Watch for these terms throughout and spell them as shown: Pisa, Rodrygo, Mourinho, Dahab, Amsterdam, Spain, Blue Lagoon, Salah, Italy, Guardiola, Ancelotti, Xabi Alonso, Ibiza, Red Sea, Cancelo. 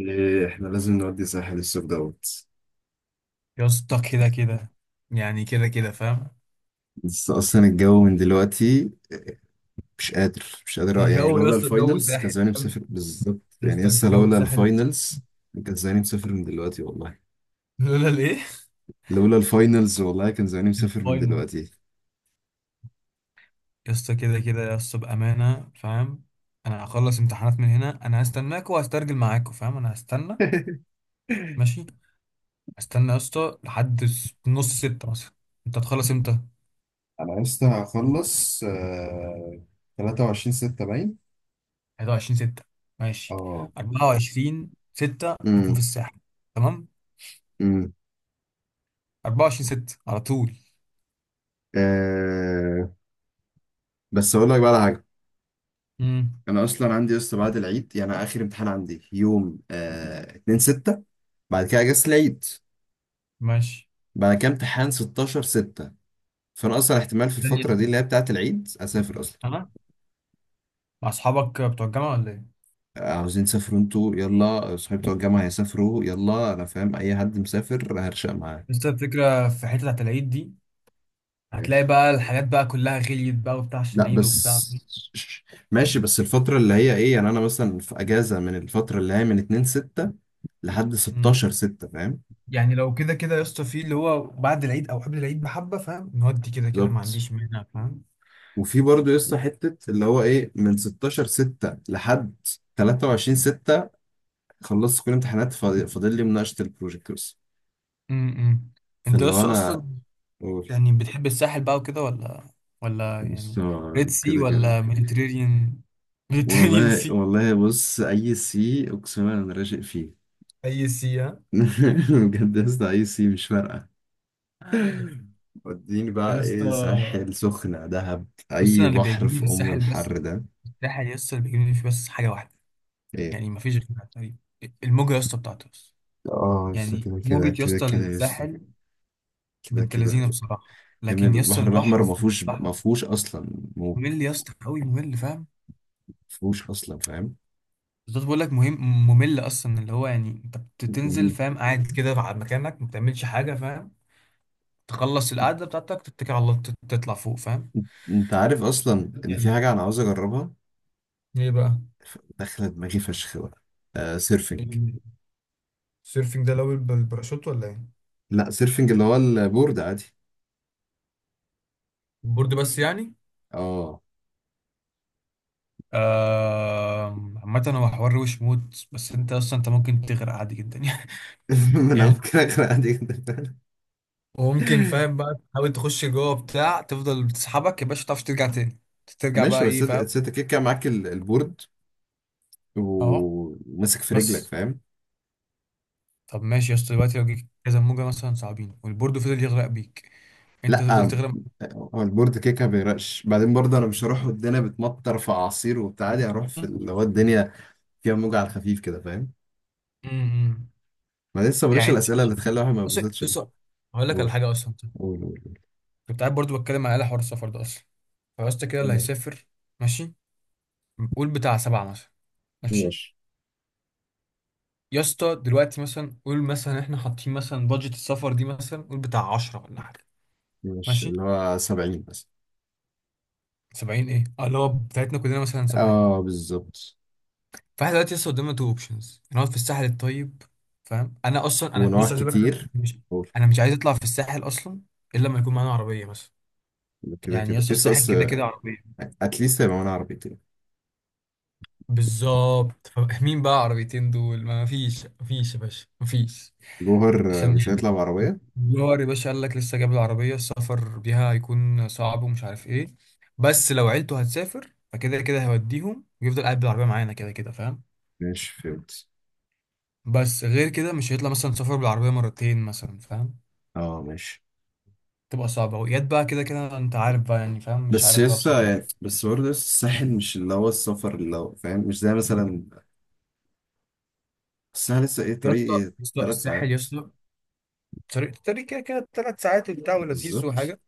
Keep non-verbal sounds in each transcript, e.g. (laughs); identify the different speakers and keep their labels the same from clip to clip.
Speaker 1: إيه، احنا لازم نودي ساحل الصيف دوت.
Speaker 2: يا اسطى كده كده يعني كده كده فاهم.
Speaker 1: بس اصلا الجو من دلوقتي مش قادر، مش قادر، يعني
Speaker 2: الجو يا
Speaker 1: لولا
Speaker 2: اسطى الجو
Speaker 1: الفاينلز كان
Speaker 2: ساحل
Speaker 1: زماني
Speaker 2: فاهم؟
Speaker 1: مسافر. بالظبط،
Speaker 2: يا
Speaker 1: يعني
Speaker 2: اسطى
Speaker 1: لسه
Speaker 2: الجو
Speaker 1: لولا
Speaker 2: ساحل.
Speaker 1: الفاينلز كان زماني مسافر من دلوقتي، والله.
Speaker 2: لولا الايه،
Speaker 1: لولا الفاينلز، والله كان زماني مسافر من
Speaker 2: الفاينل.
Speaker 1: دلوقتي.
Speaker 2: يا اسطى كده كده يا اسطى بامانه فاهم. انا هخلص امتحانات من هنا، انا هستناكوا وهسترجل معاكوا فاهم، انا هستنى.
Speaker 1: (laughs)
Speaker 2: ماشي. هستنى يا اسطى لحد نص ستة مثلا. انت هتخلص امتى؟
Speaker 1: انا لسه هخلص. آه، 23 6 باين.
Speaker 2: 21 ستة. ماشي.
Speaker 1: اه.
Speaker 2: 24 ستة نكون
Speaker 1: امم.
Speaker 2: في الساحل. تمام.
Speaker 1: امم.
Speaker 2: 24 ستة على طول.
Speaker 1: آه، بس اقول لك بقى على حاجه.
Speaker 2: امم.
Speaker 1: انا اصلا عندي لسه بعد العيد، يعني اخر امتحان عندي يوم، آه، 2/6. بعد كده اجازة العيد،
Speaker 2: ماشي.
Speaker 1: بعد كده امتحان 16 6. فانا اصلا احتمال في
Speaker 2: ثانية،
Speaker 1: الفترة دي اللي هي بتاعة العيد اسافر اصلا.
Speaker 2: مع اصحابك بتوع الجامعه ولا ايه؟
Speaker 1: عاوزين تسافروا انتوا؟ يلا، صحابي بتوع الجامعة هيسافروا. يلا، انا فاهم، اي حد مسافر هرشق معاه.
Speaker 2: بس الفكره في حته بتاعت العيد دي،
Speaker 1: إيه.
Speaker 2: هتلاقي بقى الحاجات بقى كلها غليت بقى وبتاع عشان
Speaker 1: لا،
Speaker 2: العيد
Speaker 1: بس
Speaker 2: وبتاع.
Speaker 1: ماشي. بس الفترة اللي هي، ايه يعني، انا مثلا في اجازة من الفترة اللي هي من 2 6 لحد
Speaker 2: مم.
Speaker 1: 16 6، فاهم؟
Speaker 2: يعني لو كده كده يا اسطى في اللي هو بعد العيد او قبل العيد بحبه فاهم، نودي كده كده، ما
Speaker 1: بالظبط.
Speaker 2: عنديش مانع فاهم.
Speaker 1: وفي برضه يسطا حتة اللي هو ايه، من 16 6 لحد 23 6 خلصت كل الامتحانات، فاضل لي مناقشة البروجكت بس.
Speaker 2: امم. انت يا
Speaker 1: فاللي هو
Speaker 2: اسطى اصلا
Speaker 1: انا اقول.
Speaker 2: يعني بتحب الساحل بقى وكده ولا، ولا
Speaker 1: بس
Speaker 2: يعني ريد
Speaker 1: هو
Speaker 2: سي
Speaker 1: كده كده،
Speaker 2: ولا ميديتيرينيان؟ ميديتيرينيان
Speaker 1: والله
Speaker 2: سي.
Speaker 1: والله، بص اي سي، اقسم بالله انا راشق فيه.
Speaker 2: اي سي ها.
Speaker 1: (laughs) بجد يا اسطى، اي سي مش فارقة، وديني
Speaker 2: يا
Speaker 1: بقى ايه،
Speaker 2: اسطى
Speaker 1: ساحل، سخنة، دهب،
Speaker 2: بص،
Speaker 1: اي
Speaker 2: اللي
Speaker 1: بحر
Speaker 2: بيعجبني في
Speaker 1: في ام
Speaker 2: الساحل بس،
Speaker 1: الحر ده.
Speaker 2: الساحل يا اسطى اللي بيعجبني فيه بس حاجه واحده،
Speaker 1: ايه.
Speaker 2: يعني ما فيش غيرها تقريبا. الموجة يا اسطى بتاعته بس.
Speaker 1: اه، لسه
Speaker 2: يعني
Speaker 1: كده كده
Speaker 2: موجة يا
Speaker 1: كده
Speaker 2: اسطى
Speaker 1: كده لسه
Speaker 2: الساحل
Speaker 1: كده
Speaker 2: بنت
Speaker 1: كده.
Speaker 2: لذينه بصراحة،
Speaker 1: يا ابني
Speaker 2: لكن يا اسطى
Speaker 1: البحر
Speaker 2: البحر
Speaker 1: الاحمر
Speaker 2: في
Speaker 1: ما فيهوش،
Speaker 2: البحر
Speaker 1: ما فيهوش اصلا موج،
Speaker 2: ممل يا اسطى قوي ممل فاهم.
Speaker 1: ما فيهوش اصلا،
Speaker 2: بالظبط، بقول لك مهم ممل اصلا، اللي هو يعني انت بتنزل
Speaker 1: فاهم؟
Speaker 2: فاهم، قاعد كده على مكانك ما بتعملش حاجة فاهم. تخلص القعدة بتاعتك، تتكل على الله، تطلع فوق فاهم.
Speaker 1: انت عارف اصلا ان في
Speaker 2: يعني
Speaker 1: حاجه انا عاوز اجربها،
Speaker 2: ايه بقى؟
Speaker 1: داخله دماغي فشخ بقى. آه، سيرفنج.
Speaker 2: السيرفنج ده لو بالباراشوت ولا ايه؟
Speaker 1: لا، سيرفنج اللي هو البورد عادي.
Speaker 2: البورد بس يعني.
Speaker 1: اه.
Speaker 2: آه، عامة هو حوار وش موت، بس انت اصلا انت ممكن تغرق عادي جدا. (laughs)
Speaker 1: (laughs) ما انا
Speaker 2: يعني
Speaker 1: ممكن اغرق عادي جدا.
Speaker 2: وممكن فاهم بقى
Speaker 1: (laughs)
Speaker 2: تحاول تخش جوه بتاع، تفضل بتسحبك يا باشا متعرفش ترجع تاني. ترجع
Speaker 1: ماشي.
Speaker 2: بقى
Speaker 1: بس
Speaker 2: ايه
Speaker 1: انت،
Speaker 2: فاهم.
Speaker 1: أنت كده كده معاك البورد
Speaker 2: اهو.
Speaker 1: وماسك في رجلك،
Speaker 2: بس.
Speaker 1: فاهم؟
Speaker 2: طب ماشي يا اسطى، دلوقتي لو جيك كذا موجه مثلا صعبين والبورد فضل يغرق بيك، انت
Speaker 1: لا،
Speaker 2: تفضل تغرق.
Speaker 1: هو البورد كده كده بيرقش. بعدين برضه انا مش هروح والدنيا بتمطر في اعاصير وبتاع، عادي هروح في
Speaker 2: مثلاً.
Speaker 1: اللي هو الدنيا فيها موجة على الخفيف كده، فاهم؟
Speaker 2: امم.
Speaker 1: ما لسه بلاش
Speaker 2: يعني انت،
Speaker 1: الاسئله اللي تخلي الواحد ما
Speaker 2: بص
Speaker 1: يتبسطش
Speaker 2: بص،
Speaker 1: ده.
Speaker 2: هقول لك على
Speaker 1: قول،
Speaker 2: حاجه اصلا.
Speaker 1: قول، قول، قول.
Speaker 2: كنت قاعد برضو بتكلم على حوار السفر ده اصلا، فيا اسطى كده اللي
Speaker 1: تمام.
Speaker 2: هيسافر. ماشي. قول بتاع 7 مثلا. ماشي.
Speaker 1: ماشي.
Speaker 2: يا اسطى دلوقتي مثلا قول مثلا احنا حاطين مثلا بادجت السفر دي، مثلا قول بتاع 10 ولا حاجه.
Speaker 1: مش
Speaker 2: ماشي.
Speaker 1: اللي هو 70 بس.
Speaker 2: 70 ايه؟ اه، اللي هو بتاعتنا كلنا مثلا 70.
Speaker 1: اه بالظبط.
Speaker 2: فاحنا دلوقتي لسه قدامنا تو اوبشنز. نقعد في الساحل الطيب فاهم، انا اصلا
Speaker 1: ونوع
Speaker 2: بص عايز أقول لك حاجة،
Speaker 1: كتير.
Speaker 2: مش
Speaker 1: أوف.
Speaker 2: انا مش عايز اطلع في الساحل اصلا، الا لما يكون معانا عربيه مثلا.
Speaker 1: كده
Speaker 2: يعني
Speaker 1: كده
Speaker 2: يس
Speaker 1: اس
Speaker 2: الساحل
Speaker 1: اس،
Speaker 2: كده كده عربيه.
Speaker 1: اتليست هيبقى معانا عربيتين.
Speaker 2: بالظبط. فمين بقى عربيتين دول؟ ما فيش ما فيش يا باشا ما فيش.
Speaker 1: جوهر، آه،
Speaker 2: عشان
Speaker 1: مش هيطلع بعربية.
Speaker 2: دولار يا باشا قال لك لسه جاب العربيه، السفر بيها هيكون صعب ومش عارف ايه. بس لو عيلته هتسافر فكده كده هيوديهم ويفضل قاعد بالعربيه معانا كده كده فاهم.
Speaker 1: ماشي، فهمت.
Speaker 2: بس غير كده مش هيطلع مثلا سفر بالعربية مرتين مثلا فاهم.
Speaker 1: اه، ماشي.
Speaker 2: تبقى صعبة وياد بقى كده كده، انت عارف بقى يعني فاهم، مش
Speaker 1: بس
Speaker 2: عارف بقى
Speaker 1: لسه
Speaker 2: بصراحة.
Speaker 1: يعني، بس برضه لسه الساحل مش اللي هو السفر اللي هو، فاهم؟ مش زي مثلا، الساحل لسه ايه،
Speaker 2: يا
Speaker 1: طريق
Speaker 2: اسطى
Speaker 1: ايه،
Speaker 2: يا اسطى
Speaker 1: ثلاث
Speaker 2: الساحل يا
Speaker 1: ساعات.
Speaker 2: اسطى، طريق طريق كده كده 3 ساعات وبتاع ولذيذ
Speaker 1: بالظبط.
Speaker 2: وحاجة.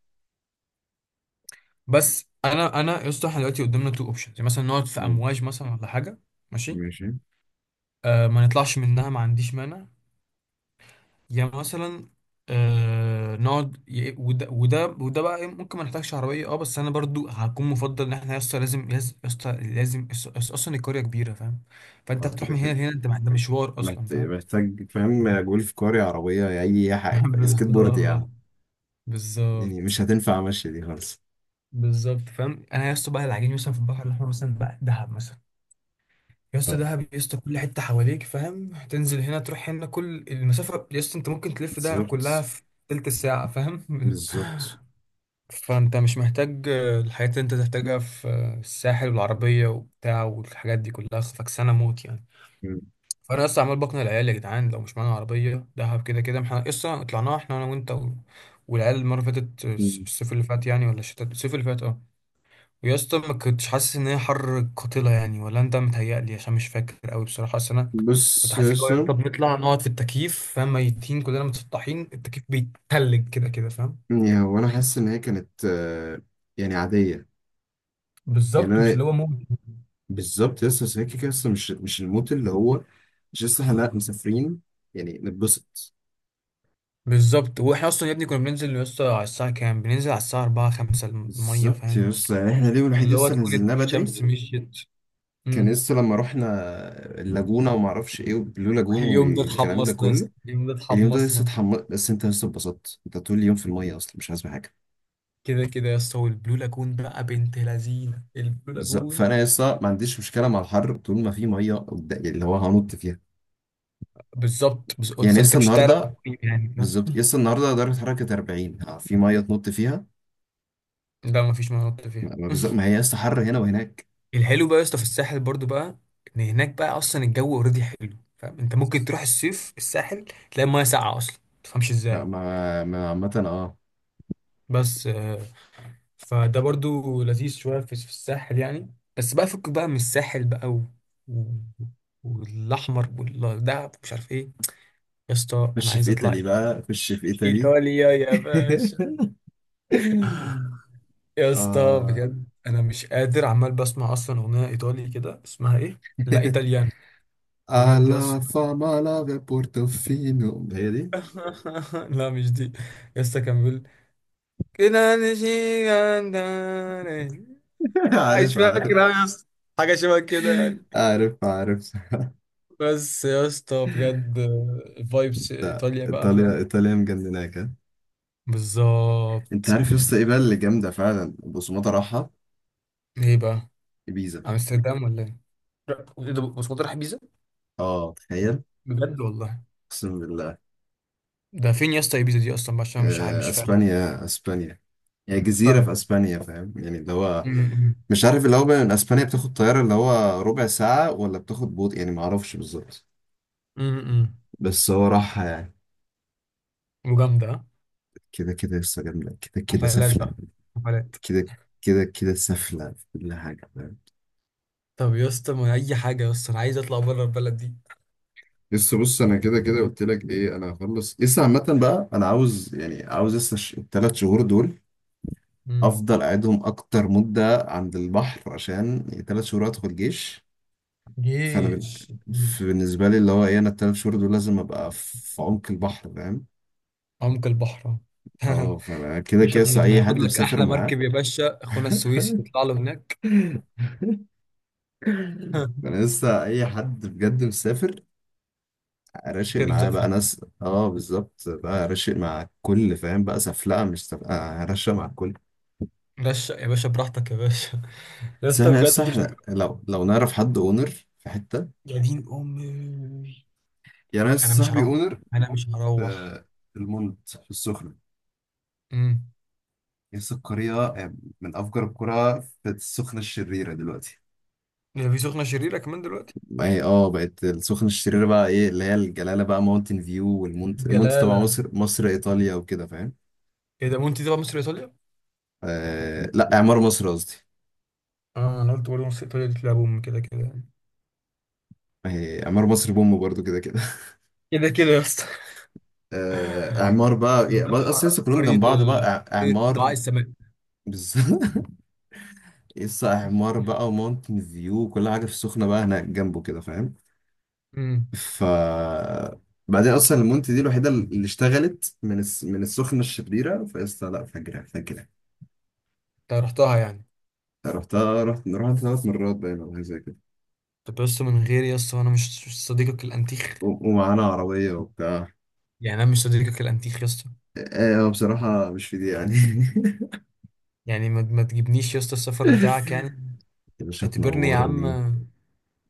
Speaker 2: بس انا يا اسطى احنا دلوقتي قدامنا تو اوبشنز، مثلا نقعد في
Speaker 1: مم.
Speaker 2: امواج مثلا ولا حاجة. ماشي.
Speaker 1: ماشي.
Speaker 2: آه ما نطلعش منها، ما عنديش مانع، يعني مثلا آه نقعد وده وده وده بقى إيه، ممكن ما نحتاجش عربيه، اه. بس انا برضو هكون مفضل ان احنا يا اسطى لازم، يا اسطى لازم، اصلا القريه كبيره فاهم. فانت
Speaker 1: اه
Speaker 2: هتروح
Speaker 1: كده
Speaker 2: من هنا
Speaker 1: كده.
Speaker 2: لهنا، انت ده مشوار اصلا فاهم.
Speaker 1: محتاج، فاهم، جولف كاري، عربية، أي
Speaker 2: (laughs)
Speaker 1: حاجة، سكيت بورد يا عم.
Speaker 2: بالظبط.
Speaker 1: يعني
Speaker 2: بالظبط.
Speaker 1: مش هتنفع مشي دي خالص.
Speaker 2: بالظبط فاهم. انا يا اسطى بقى العجين مثلا في البحر الاحمر مثلا بقى دهب مثلا، يا اسطى
Speaker 1: آه.
Speaker 2: دهب يا اسطى كل حته حواليك فاهم، تنزل هنا تروح هنا كل المسافه يا اسطى انت ممكن تلف دهب كلها
Speaker 1: بالظبط.
Speaker 2: في تلت ساعه فاهم. (laughs)
Speaker 1: بالظبط.
Speaker 2: فانت مش محتاج الحاجات اللي انت تحتاجها في الساحل، والعربية وبتاع والحاجات دي كلها فكسانة موت يعني.
Speaker 1: مم.
Speaker 2: فانا لسه عمال بقنع العيال، يا جدعان لو مش معانا عربية دهب كده كده احنا لسه طلعناها، احنا انا وانت والعيال المرة اللي فاتت
Speaker 1: مم.
Speaker 2: الصيف اللي فات يعني، ولا الشتاء؟ الصيف اللي فات، اه. ويا اسطى ما كنتش حاسس ان هي حر قاتلة يعني، ولا انت؟ متهيألي عشان مش فاكر قوي بصراحة، اصل انا كنت
Speaker 1: بص يا
Speaker 2: حاسس لو
Speaker 1: اسطى،
Speaker 2: انت بنطلع نقعد في التكييف فاهم، ميتين كلنا متسطحين، التكييف بيتلج كده كده فاهم.
Speaker 1: يعني هو انا حاسس ان هي كانت، يعني عاديه. يعني
Speaker 2: بالظبط، مش
Speaker 1: انا،
Speaker 2: اللي هو موت.
Speaker 1: بالظبط يا اسطى، بس هي كده كده اصلا مش، مش الموت اللي هو. مش لسه احنا، لأ، مسافرين، يعني نتبسط.
Speaker 2: بالظبط واحنا اصلا يا ابني كنا بننزل يا اسطى على الساعه كام؟ بننزل على الساعه 4 5 الميه
Speaker 1: بالظبط يا
Speaker 2: فاهم،
Speaker 1: اسطى، يعني احنا اليوم الوحيد
Speaker 2: اللي هو
Speaker 1: لسه
Speaker 2: تكون
Speaker 1: نزلناه بدري.
Speaker 2: الشمس مشيت.
Speaker 1: كان
Speaker 2: امم.
Speaker 1: لسه لما رحنا اللاجونه وما اعرفش ايه وبلو
Speaker 2: (laughs)
Speaker 1: لاجون
Speaker 2: اليوم ده
Speaker 1: والكلام ده
Speaker 2: اتحمصنا يا
Speaker 1: كله.
Speaker 2: اسطى، اليوم ده
Speaker 1: اليوم ده لسه
Speaker 2: اتحمصنا.
Speaker 1: اتحمس، بس انت لسه اتبسطت، انت طول اليوم في الميه، اصلا مش عايز حاجه.
Speaker 2: كده كده يا اسطى. والبلو لاجون بقى بنت لذينه البلو
Speaker 1: بالظبط،
Speaker 2: لاجون.
Speaker 1: فانا لسه ما عنديش مشكله مع الحر طول ما في ميه قدام، يعني اللي هو هنط فيها.
Speaker 2: بالظبط بالظبط.
Speaker 1: يعني
Speaker 2: أصلاً انت
Speaker 1: لسه
Speaker 2: مش هتعرف
Speaker 1: النهارده،
Speaker 2: تقيم يعني فاهم،
Speaker 1: بالظبط لسه النهارده درجه حراره كانت 40، ها، في ميه تنط فيها.
Speaker 2: ده مفيش مناطق
Speaker 1: ما
Speaker 2: فيها.
Speaker 1: ما بالظبط، ما هي لسه حر هنا وهناك.
Speaker 2: (laughs) الحلو بقى يا اسطى في الساحل برضو بقى، ان هناك بقى اصلا الجو اوريدي حلو فاهم، انت ممكن تروح الصيف الساحل تلاقي المايه ساقعه اصلا، ما تفهمش ازاي.
Speaker 1: عامه اه.
Speaker 2: بس فده برضو لذيذ شوية في الساحل يعني. بس بقى فك بقى من الساحل بقى و... والأحمر والدهب مش عارف إيه. يا اسطى أنا
Speaker 1: خش في
Speaker 2: عايز أطلع
Speaker 1: ايطالي
Speaker 2: إيطاليا.
Speaker 1: بقى، خش في ايطالي.
Speaker 2: إيطاليا يا باشا.
Speaker 1: (laughs)
Speaker 2: يا اسطى
Speaker 1: اه.
Speaker 2: بجد أنا مش قادر، عمال بسمع أصلا أغنية إيطالي كده اسمها إيه؟ لا إيطاليان.
Speaker 1: (laughs)
Speaker 2: بجد يا
Speaker 1: alla
Speaker 2: اسطى.
Speaker 1: fama la ve portofino. هي دي.
Speaker 2: (laughs) لا مش دي. يا اسطى كان بيقول كده نشيل عندنا.
Speaker 1: (laughs)
Speaker 2: مش
Speaker 1: عارف، عارف،
Speaker 2: فاكر أوي يا اسطى، حاجة شبه كده يعني.
Speaker 1: عارف، عارف.
Speaker 2: بس يا اسطى
Speaker 1: (laughs)
Speaker 2: بجد فايبس
Speaker 1: ده
Speaker 2: ايطاليا بقى
Speaker 1: ايطاليا
Speaker 2: فاهم.
Speaker 1: ايطاليا مجنناك. انت
Speaker 2: بالظبط.
Speaker 1: عارف يا اسطى ايه بقى اللي جامده فعلا؟ بوسوماتا راحه.
Speaker 2: ايه بقى؟
Speaker 1: ibiza.
Speaker 2: امستردام ولا؟ ايه ده؟ بس كنت رايح بيزا.
Speaker 1: اه، تخيل.
Speaker 2: بجد والله.
Speaker 1: اقسم بالله.
Speaker 2: ده فين يا اسطى ايبيزا دي اصلا بقى؟ عشان مش عارف
Speaker 1: آه،
Speaker 2: مش فاهم.
Speaker 1: اسبانيا، اسبانيا. هي جزيره في
Speaker 2: اسبانيا.
Speaker 1: اسبانيا، فاهم؟ يعني اللي هو،
Speaker 2: امم.
Speaker 1: مش عارف اللي هو، من اسبانيا بتاخد طياره اللي هو ربع ساعه، ولا بتاخد بوط، يعني ما اعرفش بالظبط.
Speaker 2: امم.
Speaker 1: بس هو راحه يعني.
Speaker 2: وجامده ها؟
Speaker 1: كده كده لسه جامده، كده كده
Speaker 2: حفلات
Speaker 1: سفله
Speaker 2: بقى، حفلات.
Speaker 1: كده، كده كده سفله في كل حاجه، فاهم؟
Speaker 2: طب يا اسطى ما اي حاجه يا اسطى، انا عايز اطلع بره البلد دي.
Speaker 1: لسه بص، انا كده كده قلت لك ايه، انا هخلص لسه عامه بقى. انا عاوز، يعني عاوز لسه الثلاث شهور دول
Speaker 2: امم.
Speaker 1: افضل اقعدهم اكتر مده عند البحر، عشان ثلاث شهور ادخل جيش. فانا بن...
Speaker 2: جيش. مم.
Speaker 1: بالنسبه لي اللي هو ايه، انا الثلاث شهور دول لازم ابقى في عمق البحر، فاهم؟
Speaker 2: عمق البحر.
Speaker 1: اه، فانا
Speaker 2: (laughs)
Speaker 1: كده
Speaker 2: باش
Speaker 1: كده لسه اي
Speaker 2: ناخد
Speaker 1: حد
Speaker 2: لك
Speaker 1: بسافر
Speaker 2: احلى
Speaker 1: معاه.
Speaker 2: مركب يا باشا، اخونا
Speaker 1: (laughs)
Speaker 2: السويسي يطلع له هناك. (laughs)
Speaker 1: انا لسه اي حد بجد مسافر راشق
Speaker 2: ترز
Speaker 1: معاه
Speaker 2: أب
Speaker 1: بقى،
Speaker 2: فيه.
Speaker 1: ناس اه، بالظبط بقى راشق مع الكل، فاهم بقى؟ سفلقه مش سفلقه، راشق مع الكل.
Speaker 2: رشق يا باشا براحتك يا باشا. (laughs) يا
Speaker 1: بس
Speaker 2: اسطى
Speaker 1: احنا لسه
Speaker 2: بجد الفيلم.
Speaker 1: احنا لو نعرف حد اونر في حته،
Speaker 2: يا دين أمي.
Speaker 1: يعني انا
Speaker 2: أنا
Speaker 1: لسه
Speaker 2: مش
Speaker 1: صاحبي
Speaker 2: هروح.
Speaker 1: اونر
Speaker 2: أنا مش هروح.
Speaker 1: في المنت في السخنة.
Speaker 2: امم.
Speaker 1: لسه القرية من أفجر القرى في السخنة الشريرة دلوقتي.
Speaker 2: ده في سخنة شريرة كمان دلوقتي.
Speaker 1: ما هي اه بقت السخنة الشريرة بقى ايه اللي هي الجلالة بقى، ماونتن فيو، والمونت تبع
Speaker 2: جلاله.
Speaker 1: مصر ايطاليا وكده، فاهم؟
Speaker 2: إيه ده وأنت تبع مصر إيطاليا؟
Speaker 1: آه لا، اعمار مصر قصدي.
Speaker 2: آه أنا قلت برضه مصر إيطاليا دي تلعب أم كده كده يعني.
Speaker 1: ما هي اعمار مصر بوم برضو كده كده.
Speaker 2: كده كده يا اسطى.
Speaker 1: آه،
Speaker 2: (laughs)
Speaker 1: اعمار بقى يعني بقى
Speaker 2: نروح
Speaker 1: اصل لسه كلهم
Speaker 2: قرية
Speaker 1: جنب بعض
Speaker 2: ال،
Speaker 1: بقى،
Speaker 2: قرية
Speaker 1: اعمار.
Speaker 2: دعاء السماء.
Speaker 1: بالظبط. (laughs) لسه اعمار بقى وماونتن فيو وكل حاجة في السخنة بقى هناك جنبه كده، فاهم؟
Speaker 2: امم.
Speaker 1: ف بعدين اصلا المونت دي الوحيده اللي اشتغلت من من السخنه الشريره، فقلت لا، فجرة فجرة.
Speaker 2: أنت رحتها يعني.
Speaker 1: رحتها، رحت ثلاث مرات باين او حاجه زي كده،
Speaker 2: طب يا اسطى من غير، يا اسطى أنا مش صديقك الأنتيخ
Speaker 1: ومعانا عربيه وبتاع.
Speaker 2: يعني؟ أنا مش صديقك الأنتيخ يا اسطى.
Speaker 1: ايه هو بصراحه مش في دي يعني.
Speaker 2: يعني ما تجيبنيش يا اسطى السفر بتاعك يعني.
Speaker 1: (laughs) يا باشا
Speaker 2: اعتبرني يا عم.
Speaker 1: تنورني،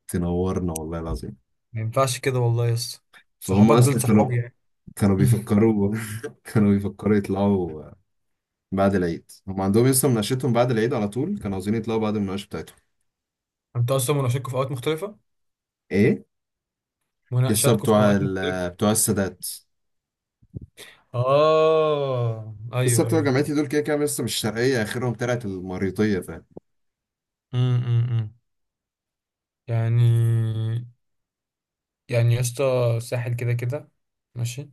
Speaker 1: تنورنا والله العظيم.
Speaker 2: ما ينفعش كده والله يا اسطى.
Speaker 1: فهم
Speaker 2: صحابك دول
Speaker 1: اصلا كانوا
Speaker 2: صحابي يعني.
Speaker 1: كانوا
Speaker 2: (laughs)
Speaker 1: بيفكروا. (laughs) كانوا بيفكروا يطلعوا بعد العيد. هم عندهم لسه مناقشتهم بعد العيد على طول، كانوا عاوزين يطلعوا بعد المناقشه بتاعتهم.
Speaker 2: انتوا اصلا مناقشاتكم في اوقات مختلفة.
Speaker 1: ايه. لسه
Speaker 2: مناقشاتكم في اوقات مختلفة.
Speaker 1: بتوع السادات.
Speaker 2: اه
Speaker 1: لسه
Speaker 2: ايوه
Speaker 1: بتوع
Speaker 2: ايوه.
Speaker 1: جامعتي دول كده كده لسه مش شرقية، آخرهم طلعت المريطية، فاهم؟
Speaker 2: امم. امم. يعني، يعني يا اسطى الساحل كده كده. ماشي.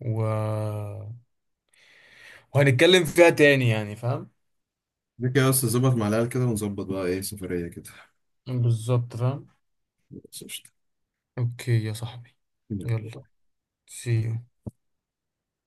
Speaker 2: و... وهنتكلم فيها تاني يعني فاهم.
Speaker 1: كده كده بس نظبط مع العيال كده ونظبط بقى إيه، سفرية كده.
Speaker 2: بالظبط فاهم. اوكي يا صاحبي. يلا.
Speaker 1: (laughs)
Speaker 2: سي.